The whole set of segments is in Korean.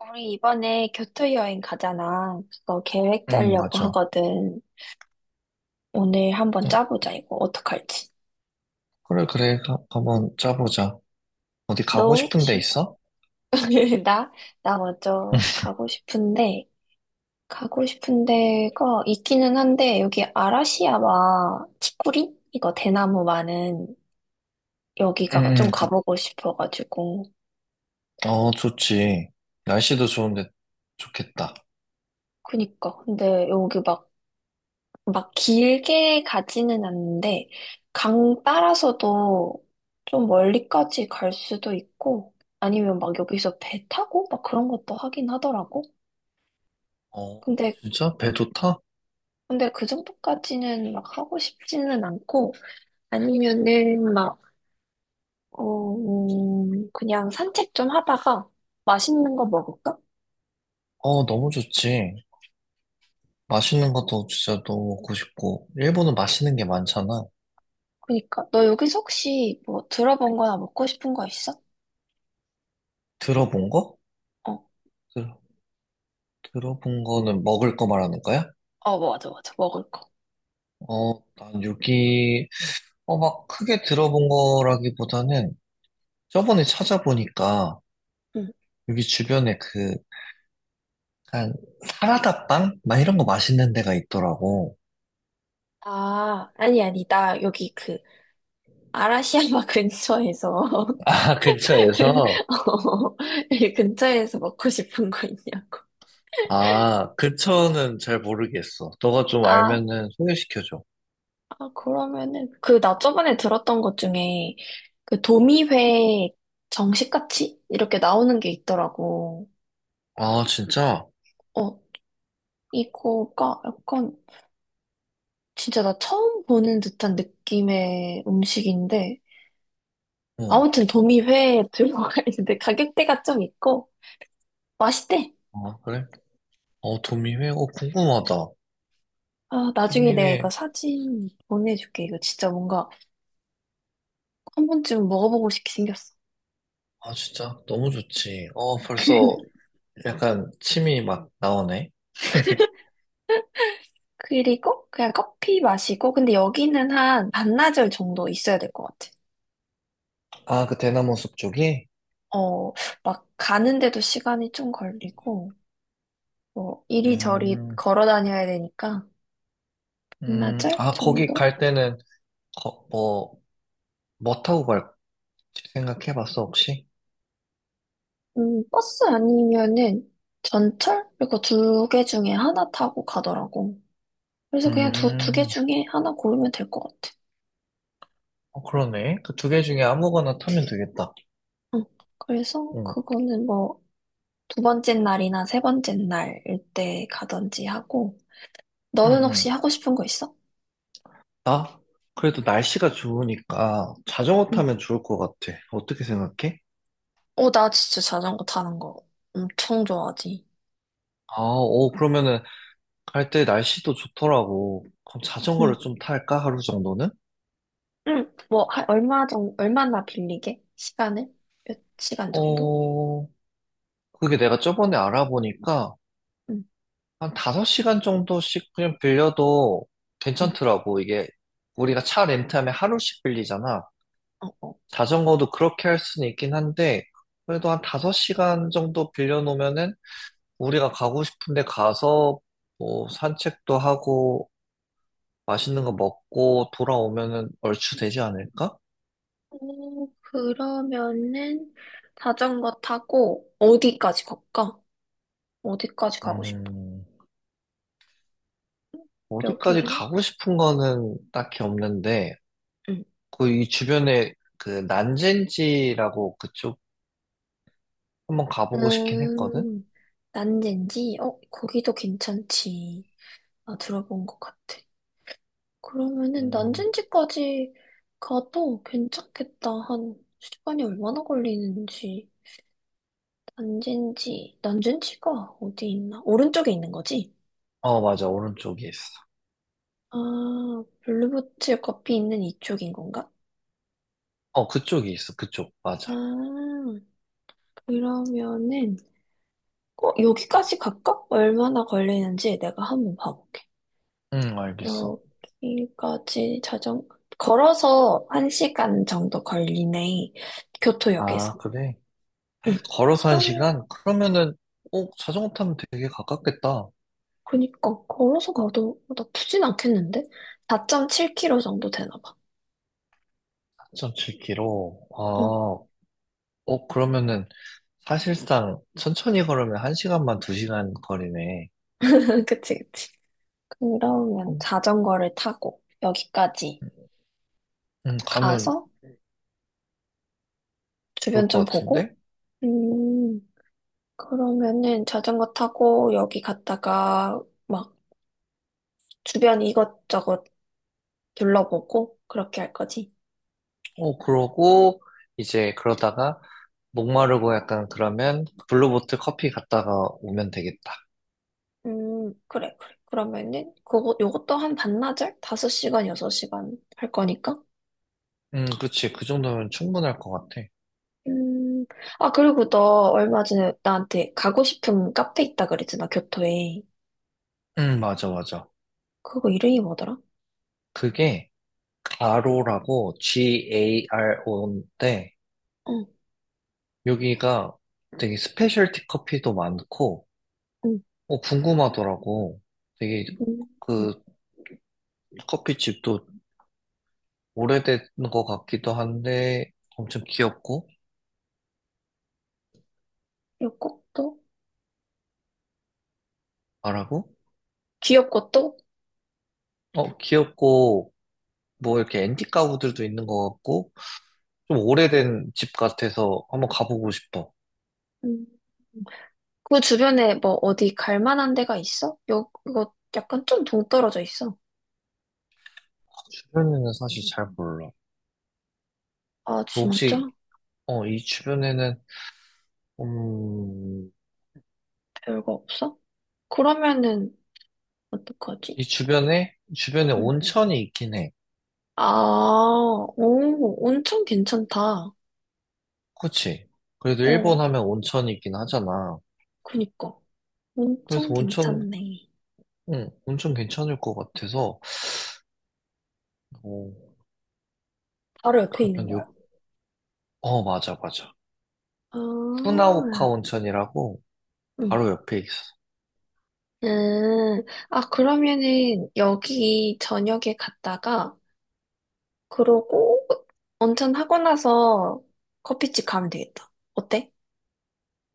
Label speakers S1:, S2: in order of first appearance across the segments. S1: 우리 이번에 교토 여행 가잖아. 그거 계획
S2: 응,
S1: 짜려고
S2: 맞아.
S1: 하거든. 오늘 한번
S2: 어,
S1: 짜보자, 이거. 어떡할지.
S2: 그래, 그래. 한번 짜보자. 어디
S1: 너
S2: 가고 싶은 데
S1: 혹시?
S2: 있어?
S1: 나? 나 먼저 가고 싶은데, 가고 싶은 데가 있기는 한데, 여기 아라시야마 치쿠리? 이거 대나무 많은 여기가
S2: 응,
S1: 좀
S2: 응,
S1: 가보고 싶어가지고.
S2: 좋지. 날씨도 좋은데 좋겠다.
S1: 그니까. 근데 여기 막 길게 가지는 않는데, 강 따라서도 좀 멀리까지 갈 수도 있고, 아니면 막 여기서 배 타고 막 그런 것도 하긴 하더라고.
S2: 어,
S1: 근데,
S2: 진짜? 배 좋다?
S1: 근데 그 정도까지는 막 하고 싶지는 않고, 아니면은 막, 어, 그냥 산책 좀 하다가 맛있는 거 먹을까?
S2: 너무 좋지. 맛있는 것도 진짜 너무 먹고 싶고. 일본은 맛있는 게 많잖아.
S1: 그니까, 너 여기서 혹시 뭐 들어본 거나 먹고 싶은 거 있어?
S2: 들어본 거?
S1: 어,
S2: 들, 들어본 거는 먹을 거 말하는 거야?
S1: 어, 맞아, 맞아. 먹을 거.
S2: 난 여기, 막 크게 들어본 거라기보다는 저번에 찾아보니까
S1: 응.
S2: 여기 주변에 그 약간 사라다빵? 막 이런 거 맛있는 데가 있더라고.
S1: 아, 아니, 아니, 나 여기 그 아라시야마 근처에서
S2: 아, 근처에서?
S1: 어, 이 근처에서 먹고 싶은 거 있냐고.
S2: 아, 근처는 잘 모르겠어. 너가 좀
S1: 아,
S2: 알면은 소개시켜줘.
S1: 아, 그러면은 그 나 저번에 들었던 것 중에 그 도미회 정식같이 이렇게 나오는 게 있더라고.
S2: 아, 진짜?
S1: 어, 이거가 약간 진짜 나 처음 보는 듯한 느낌의 음식인데
S2: 어.
S1: 아무튼 도미회에 들어가 있는데 가격대가 좀 있고 맛있대.
S2: 아, 그래? 어, 도미회? 궁금하다.
S1: 아, 나중에 내가
S2: 도미회.
S1: 이거 사진 보내줄게. 이거 진짜 뭔가 한 번쯤 먹어보고 싶게 생겼어.
S2: 아, 진짜? 너무 좋지. 벌써 약간 침이 막 나오네.
S1: 그리고 그냥 커피 마시고, 근데 여기는 한 반나절 정도 있어야 될 것 같아.
S2: 아, 그 대나무 숲 쪽이?
S1: 어, 막 가는데도 시간이 좀 걸리고, 뭐 이리저리
S2: 음,
S1: 걸어 다녀야 되니까 반나절
S2: 거기
S1: 정도?
S2: 갈 때는, 거, 뭐, 뭐 타고 갈지 생각해봤어, 혹시?
S1: 버스 아니면은 전철? 이거 두 개 중에 하나 타고 가더라고. 그래서 그냥 두 개
S2: 음.
S1: 중에 하나 고르면 될 것 같아.
S2: 그러네. 그 2개 중에 아무거나 타면 되겠다.
S1: 응. 그래서
S2: 응,
S1: 그거는 뭐 두 번째 날이나 세 번째 날일 때 가든지 하고,
S2: 응,
S1: 너는 혹시
S2: 응.
S1: 하고 싶은 거 있어?
S2: 나? 그래도 날씨가 좋으니까 자전거
S1: 응,
S2: 타면 좋을 것 같아. 어떻게 생각해?
S1: 어, 나 진짜 자전거 타는 거 엄청 좋아하지.
S2: 그러면은 갈 때 날씨도 좋더라고. 그럼
S1: 응.
S2: 자전거를 좀 탈까? 하루 정도는?
S1: 응, 뭐, 얼마 정, 얼마나 빌리게? 시간을? 몇 시간 정도?
S2: 어, 그게 내가 저번에 알아보니까
S1: 응,
S2: 한 5시간 정도씩 그냥 빌려도
S1: 응.
S2: 괜찮더라고. 이게 우리가 차 렌트하면 하루씩 빌리잖아.
S1: 어, 어.
S2: 자전거도 그렇게 할 수는 있긴 한데, 그래도 한 5시간 정도 빌려놓으면은 우리가 가고 싶은데 가서 뭐 산책도 하고 맛있는 거 먹고 돌아오면은 얼추 되지 않을까?
S1: 오 그러면은 자전거 타고 어디까지 갈까? 어디까지 가고 싶어?
S2: 음, 어디까지
S1: 여기,
S2: 가고 싶은 거는 딱히 없는데,
S1: 응.
S2: 그 이 주변에 그 난젠지라고 그쪽 한번 가보고 싶긴 했거든?
S1: 음, 난젠지? 어, 거기도 괜찮지. 나 들어본 것 같아. 그러면은
S2: 음,
S1: 난전지까지 가도 괜찮겠다. 한 시간이 얼마나 걸리는지. 난젠지, 난젠지가 어디 있나? 오른쪽에 있는 거지?
S2: 맞아. 오른쪽에 있어.
S1: 아, 블루보틀 커피 있는 이쪽인 건가?
S2: 그쪽이 있어. 그쪽. 맞아.
S1: 아, 그러면은, 어, 여기까지 갈까? 얼마나 걸리는지 내가 한번 봐볼게.
S2: 응, 알겠어.
S1: 여기까지 걸어서 1시간 정도 걸리네.
S2: 아,
S1: 교토역에서.
S2: 그래.
S1: 응.
S2: 걸어서 한
S1: 그럼
S2: 시간? 그러면은, 자전거 타면 되게 가깝겠다.
S1: 그니까 걸어서 가도 나쁘진 않겠는데? 4.7km 정도 되나 봐.
S2: 4.7km.
S1: 어,
S2: 그러면은, 사실상, 천천히 걸으면 한시간만두시간 거리네.
S1: 그치, 그치. 그러면
S2: 음,
S1: 자전거를 타고 여기까지
S2: 가면
S1: 가서
S2: 좋을
S1: 주변 좀
S2: 것
S1: 보고,
S2: 같은데?
S1: 음, 그러면은 자전거 타고 여기 갔다가 막 주변 이것저것 둘러보고 그렇게 할 거지.
S2: 그러고, 이제, 그러다가, 목마르고 약간 그러면, 블루보틀 커피 갔다가 오면 되겠다.
S1: 그래, 그래. 그러면은 그거, 요것도 한 반나절? 5시간, 6시간 할 거니까?
S2: 그치. 그 정도면 충분할 것 같아.
S1: 음, 아, 그리고 너 얼마 전에 나한테 가고 싶은 카페 있다 그랬잖아, 교토에.
S2: 맞아, 맞아.
S1: 그거 이름이 뭐더라?
S2: 그게, 가로라고, G-A-R-O인데,
S1: 응,
S2: 여기가 되게 스페셜티 커피도 많고,
S1: 응,
S2: 궁금하더라고. 되게
S1: 응.
S2: 그 커피집도 오래된 것 같기도 한데, 엄청 귀엽고,
S1: 귀엽고 또?
S2: 말하고,
S1: 귀엽고 또?
S2: 귀엽고, 뭐 이렇게 앤틱 가구들도 있는 것 같고, 좀 오래된 집 같아서 한번 가보고 싶어.
S1: 음. 그 주변에 뭐 어디 갈 만한 데가 있어? 요, 이거 약간 좀 동떨어져 있어.
S2: 주변에는 사실 잘 몰라.
S1: 아,
S2: 너 혹시,
S1: 진짜?
S2: 이 주변에는, 음,
S1: 별거 없어? 그러면은,
S2: 이
S1: 어떡하지?
S2: 주변에, 주변에
S1: 응.
S2: 온천이 있긴 해.
S1: 아, 오, 온천 괜찮다.
S2: 그치. 그래도 일본
S1: 어,
S2: 하면 온천이긴 하잖아.
S1: 그니까.
S2: 그래서
S1: 온천
S2: 온천,
S1: 괜찮네.
S2: 응, 온천 괜찮을 것 같아서. 어,
S1: 바로 옆에 있는
S2: 그러면
S1: 거야?
S2: 맞아, 맞아.
S1: 아,
S2: 후나오카 온천이라고
S1: 음.
S2: 바로 옆에 있어.
S1: 음, 아, 그러면은 여기 저녁에 갔다가, 그러고 온천하고 나서 커피집 가면 되겠다. 어때?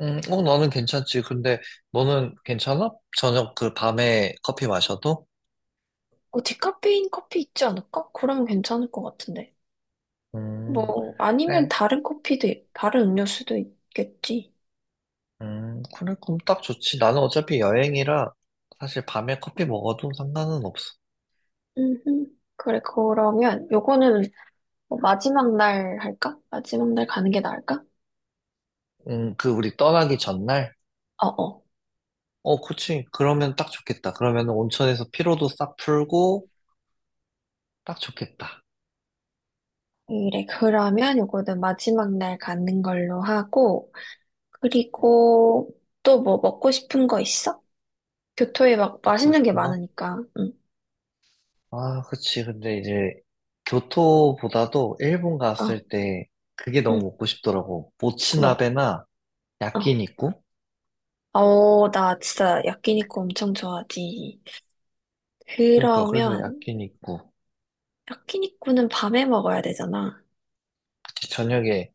S2: 응, 나는 괜찮지. 근데 너는 괜찮아? 저녁 그 밤에 커피 마셔도?
S1: 어, 디카페인 커피 있지 않을까? 그러면 괜찮을 것 같은데.
S2: 음,
S1: 뭐, 아니면
S2: 그래.
S1: 다른 커피도, 다른 음료수도 있겠지.
S2: 그래, 그럼 딱 좋지. 나는 어차피 여행이라 사실 밤에 커피 먹어도 상관은 없어.
S1: 음, 그래, 그러면 요거는 뭐 마지막 날 할까? 마지막 날 가는 게 나을까?
S2: 그 우리 떠나기 전날?
S1: 어어.
S2: 그치. 그러면 딱 좋겠다. 그러면 온천에서 피로도 싹 풀고, 딱 좋겠다.
S1: 그래, 그러면 요거는 마지막 날 가는 걸로 하고, 그리고 또 뭐 먹고 싶은 거 있어? 교토에 막
S2: 먹고
S1: 맛있는 게
S2: 싶은 거?
S1: 많으니까. 응.
S2: 아, 그치. 근데 이제, 교토보다도 일본 갔을
S1: 어,
S2: 때, 그게 너무
S1: 응.
S2: 먹고 싶더라고.
S1: 뭐.
S2: 모츠나베나
S1: 어.
S2: 야끼니쿠?
S1: 어, 나 진짜 야끼니쿠 엄청 좋아하지.
S2: 그러니까, 그래서
S1: 그러면
S2: 야끼니쿠.
S1: 야끼니쿠는 밤에 먹어야 되잖아.
S2: 그치. 저녁에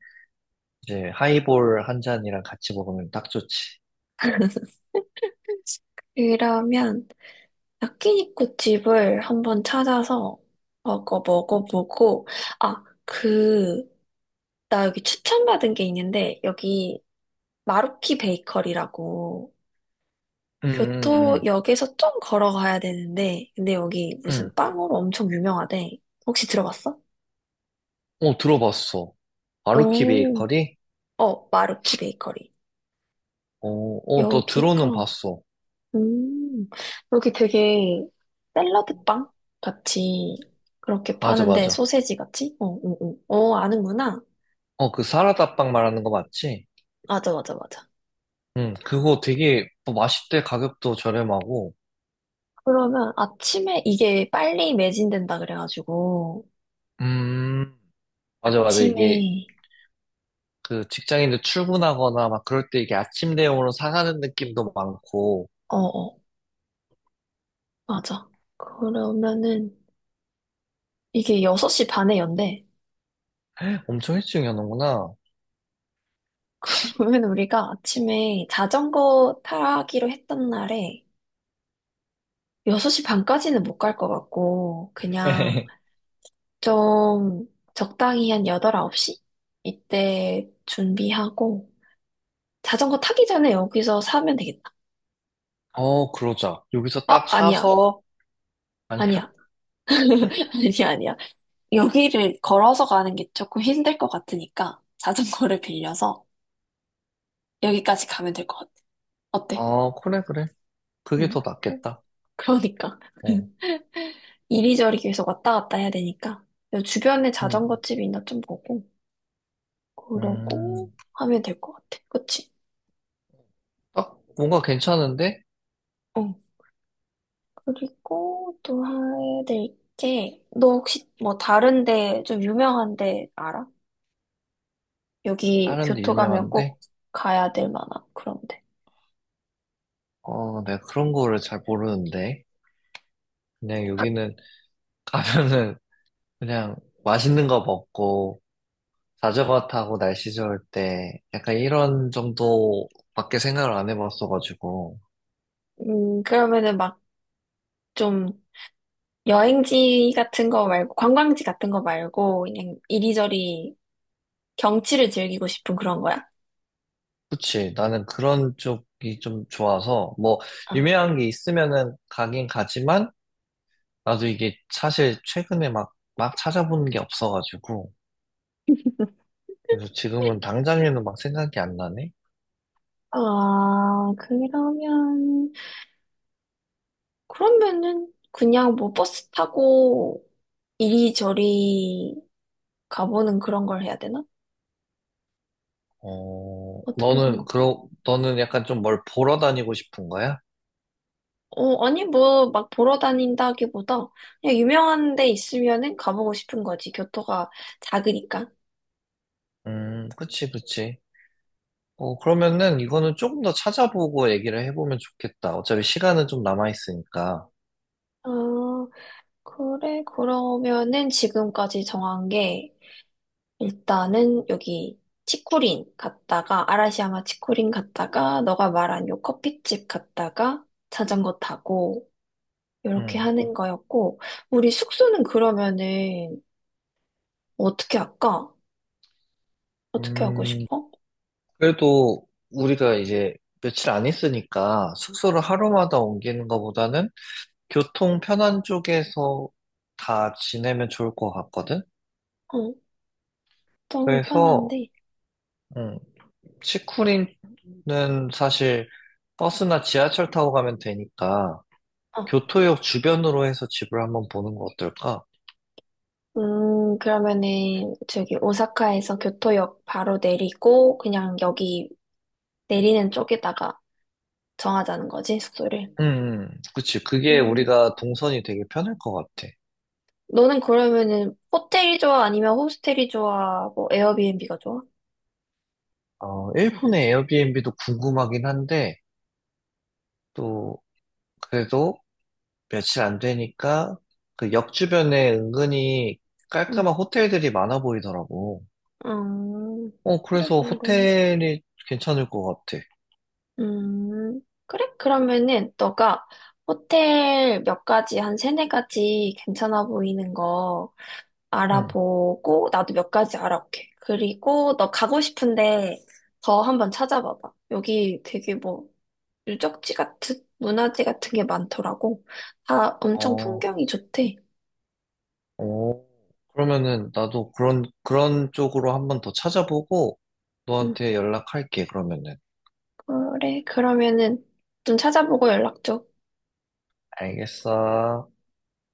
S2: 이제 하이볼 한 잔이랑 같이 먹으면 딱 좋지.
S1: 그러면 야끼니쿠 집을 한번 찾아서 먹어보고 아, 그 나 여기 추천받은 게 있는데 여기 마루키 베이커리라고
S2: 응, 응, 응,
S1: 교토역에서 좀 걸어가야 되는데, 근데 여기
S2: 응.
S1: 무슨 빵으로 엄청 유명하대. 혹시 들어봤어?
S2: 어, 들어봤어. 아루키
S1: 오,
S2: 베이커리?
S1: 어, 마루키 베이커리.
S2: 어, 어, 너
S1: 여기가,
S2: 들어는 봤어.
S1: 음, 여기 되게 샐러드 빵 같이 그렇게
S2: 맞아,
S1: 파는데,
S2: 맞아.
S1: 소세지 같이? 어, 어, 어. 어, 아는구나.
S2: 그 사라다빵 말하는 거 맞지?
S1: 맞아, 맞아, 맞아.
S2: 응, 그거 되게 뭐 맛있대 가격도 저렴하고.
S1: 그러면 아침에 이게 빨리 매진된다 그래가지고,
S2: 음, 맞아, 맞아. 이게
S1: 아침에,
S2: 그 직장인들 출근하거나 막 그럴 때 이게 아침 대용으로 사가는 느낌도 많고
S1: 어, 어, 맞아. 그러면은, 이게 6시 반에 연대.
S2: 엄청 일찍 여는구나.
S1: 그러면 우리가 아침에 자전거 타기로 했던 날에 6시 반까지는 못 갈 것 같고, 그냥 좀 적당히 한 8, 9시? 이때 준비하고, 자전거 타기 전에 여기서 사면 되겠다.
S2: 그러자. 여기서
S1: 어,
S2: 딱
S1: 아니야.
S2: 사서, 아니야?
S1: 아니야. 아니야, 아니야. 여기를 걸어서 가는 게 조금 힘들 것 같으니까, 자전거를 빌려서 여기까지 가면 될 것 같아. 어때?
S2: 어, 그래, 그래. 그게
S1: 응.
S2: 더 낫겠다.
S1: 그러니까.
S2: 어,
S1: 이리저리 계속 왔다 갔다 해야 되니까 주변에 자전거
S2: 음,
S1: 집이 있나 좀 보고 그러고
S2: 음.
S1: 하면 될 것 같아. 그치?
S2: 딱 뭔가 괜찮은데?
S1: 어. 그리고 또 해야 될 게, 너 혹시 뭐 다른 데 좀 유명한 데 알아? 여기
S2: 다른데
S1: 교토 가면
S2: 유명한데?
S1: 꼭 가야 될 만한 그런 데.
S2: 내가 그런 거를 잘 모르는데. 그냥 여기는 가면은 그냥 맛있는 거 먹고 자전거 타고 날씨 좋을 때 약간 이런 정도밖에 생각을 안 해봤어가지고
S1: 그러면은 막 좀 여행지 같은 거 말고 관광지 같은 거 말고 그냥 이리저리 경치를 즐기고 싶은 그런 거야.
S2: 그치 나는 그런 쪽이 좀 좋아서 뭐
S1: 어.
S2: 유명한 게 있으면은 가긴 가지만 나도 이게 사실 최근에 막 찾아보는 게 없어가지고 그래서 지금은 당장에는 막 생각이 안 나네.
S1: 아, 그러면 그러면은 그냥 뭐 버스 타고 이리저리 가보는 그런 걸 해야 되나? 어떻게
S2: 너는
S1: 생각해?
S2: 그러 너는 약간 좀 뭘 보러 다니고 싶은 거야?
S1: 어, 아니 뭐 막 보러 다닌다기보다 그냥 유명한 데 있으면은 가보고 싶은 거지. 교토가 작으니까.
S2: 그치 그치. 그러면은 이거는 조금 더 찾아보고 얘기를 해보면 좋겠다. 어차피 시간은 좀 남아있으니까.
S1: 아, 그래. 그러면은 지금까지 정한 게 일단은 여기 치코린 갔다가 아라시야마 치코린 갔다가 너가 말한 요 커피집 갔다가 자전거 타고 이렇게
S2: 음.
S1: 하는 거였고, 우리 숙소는 그러면은 어떻게 할까? 어떻게 하고
S2: 음,
S1: 싶어?
S2: 그래도 우리가 이제 며칠 안 있으니까 숙소를 하루마다 옮기는 것보다는 교통 편한 쪽에서 다 지내면 좋을 것 같거든?
S1: 어, 너무
S2: 그래서,
S1: 편한데.
S2: 음, 치쿠리는 사실 버스나 지하철 타고 가면 되니까
S1: 어,
S2: 교토역 주변으로 해서 집을 한번 보는 거 어떨까?
S1: 그러면은 저기 오사카에서 교토역 바로 내리고 그냥 여기 내리는 쪽에다가 정하자는 거지, 숙소를.
S2: 그치. 그게
S1: 음,
S2: 우리가 동선이 되게 편할 것 같아.
S1: 너는 그러면은 호텔이 좋아? 아니면 호스텔이 좋아? 뭐 에어비앤비가 좋아?
S2: 일본의 에어비앤비도 궁금하긴 한데, 또, 그래도 며칠 안 되니까, 그 역 주변에 은근히
S1: 응.
S2: 깔끔한 호텔들이 많아 보이더라고.
S1: 음, 그래,
S2: 그래서
S1: 그럼.
S2: 호텔이 괜찮을 것 같아.
S1: 그래? 그러면은 너가 호텔 몇 가지, 한 세네 가지 괜찮아 보이는 거
S2: 응.
S1: 알아보고 나도 몇 가지 알아볼게. 그리고 너 가고 싶은데 더 한번 찾아봐봐. 여기 되게 뭐 유적지 같은, 문화재 같은 게 많더라고. 다 엄청
S2: 어,
S1: 풍경이 좋대.
S2: 어. 그러면은 나도 그런 쪽으로 한번 더 찾아보고,
S1: 응,
S2: 너한테 연락할게, 그러면은.
S1: 그래. 그러면은 좀 찾아보고 연락 줘.
S2: 알겠어.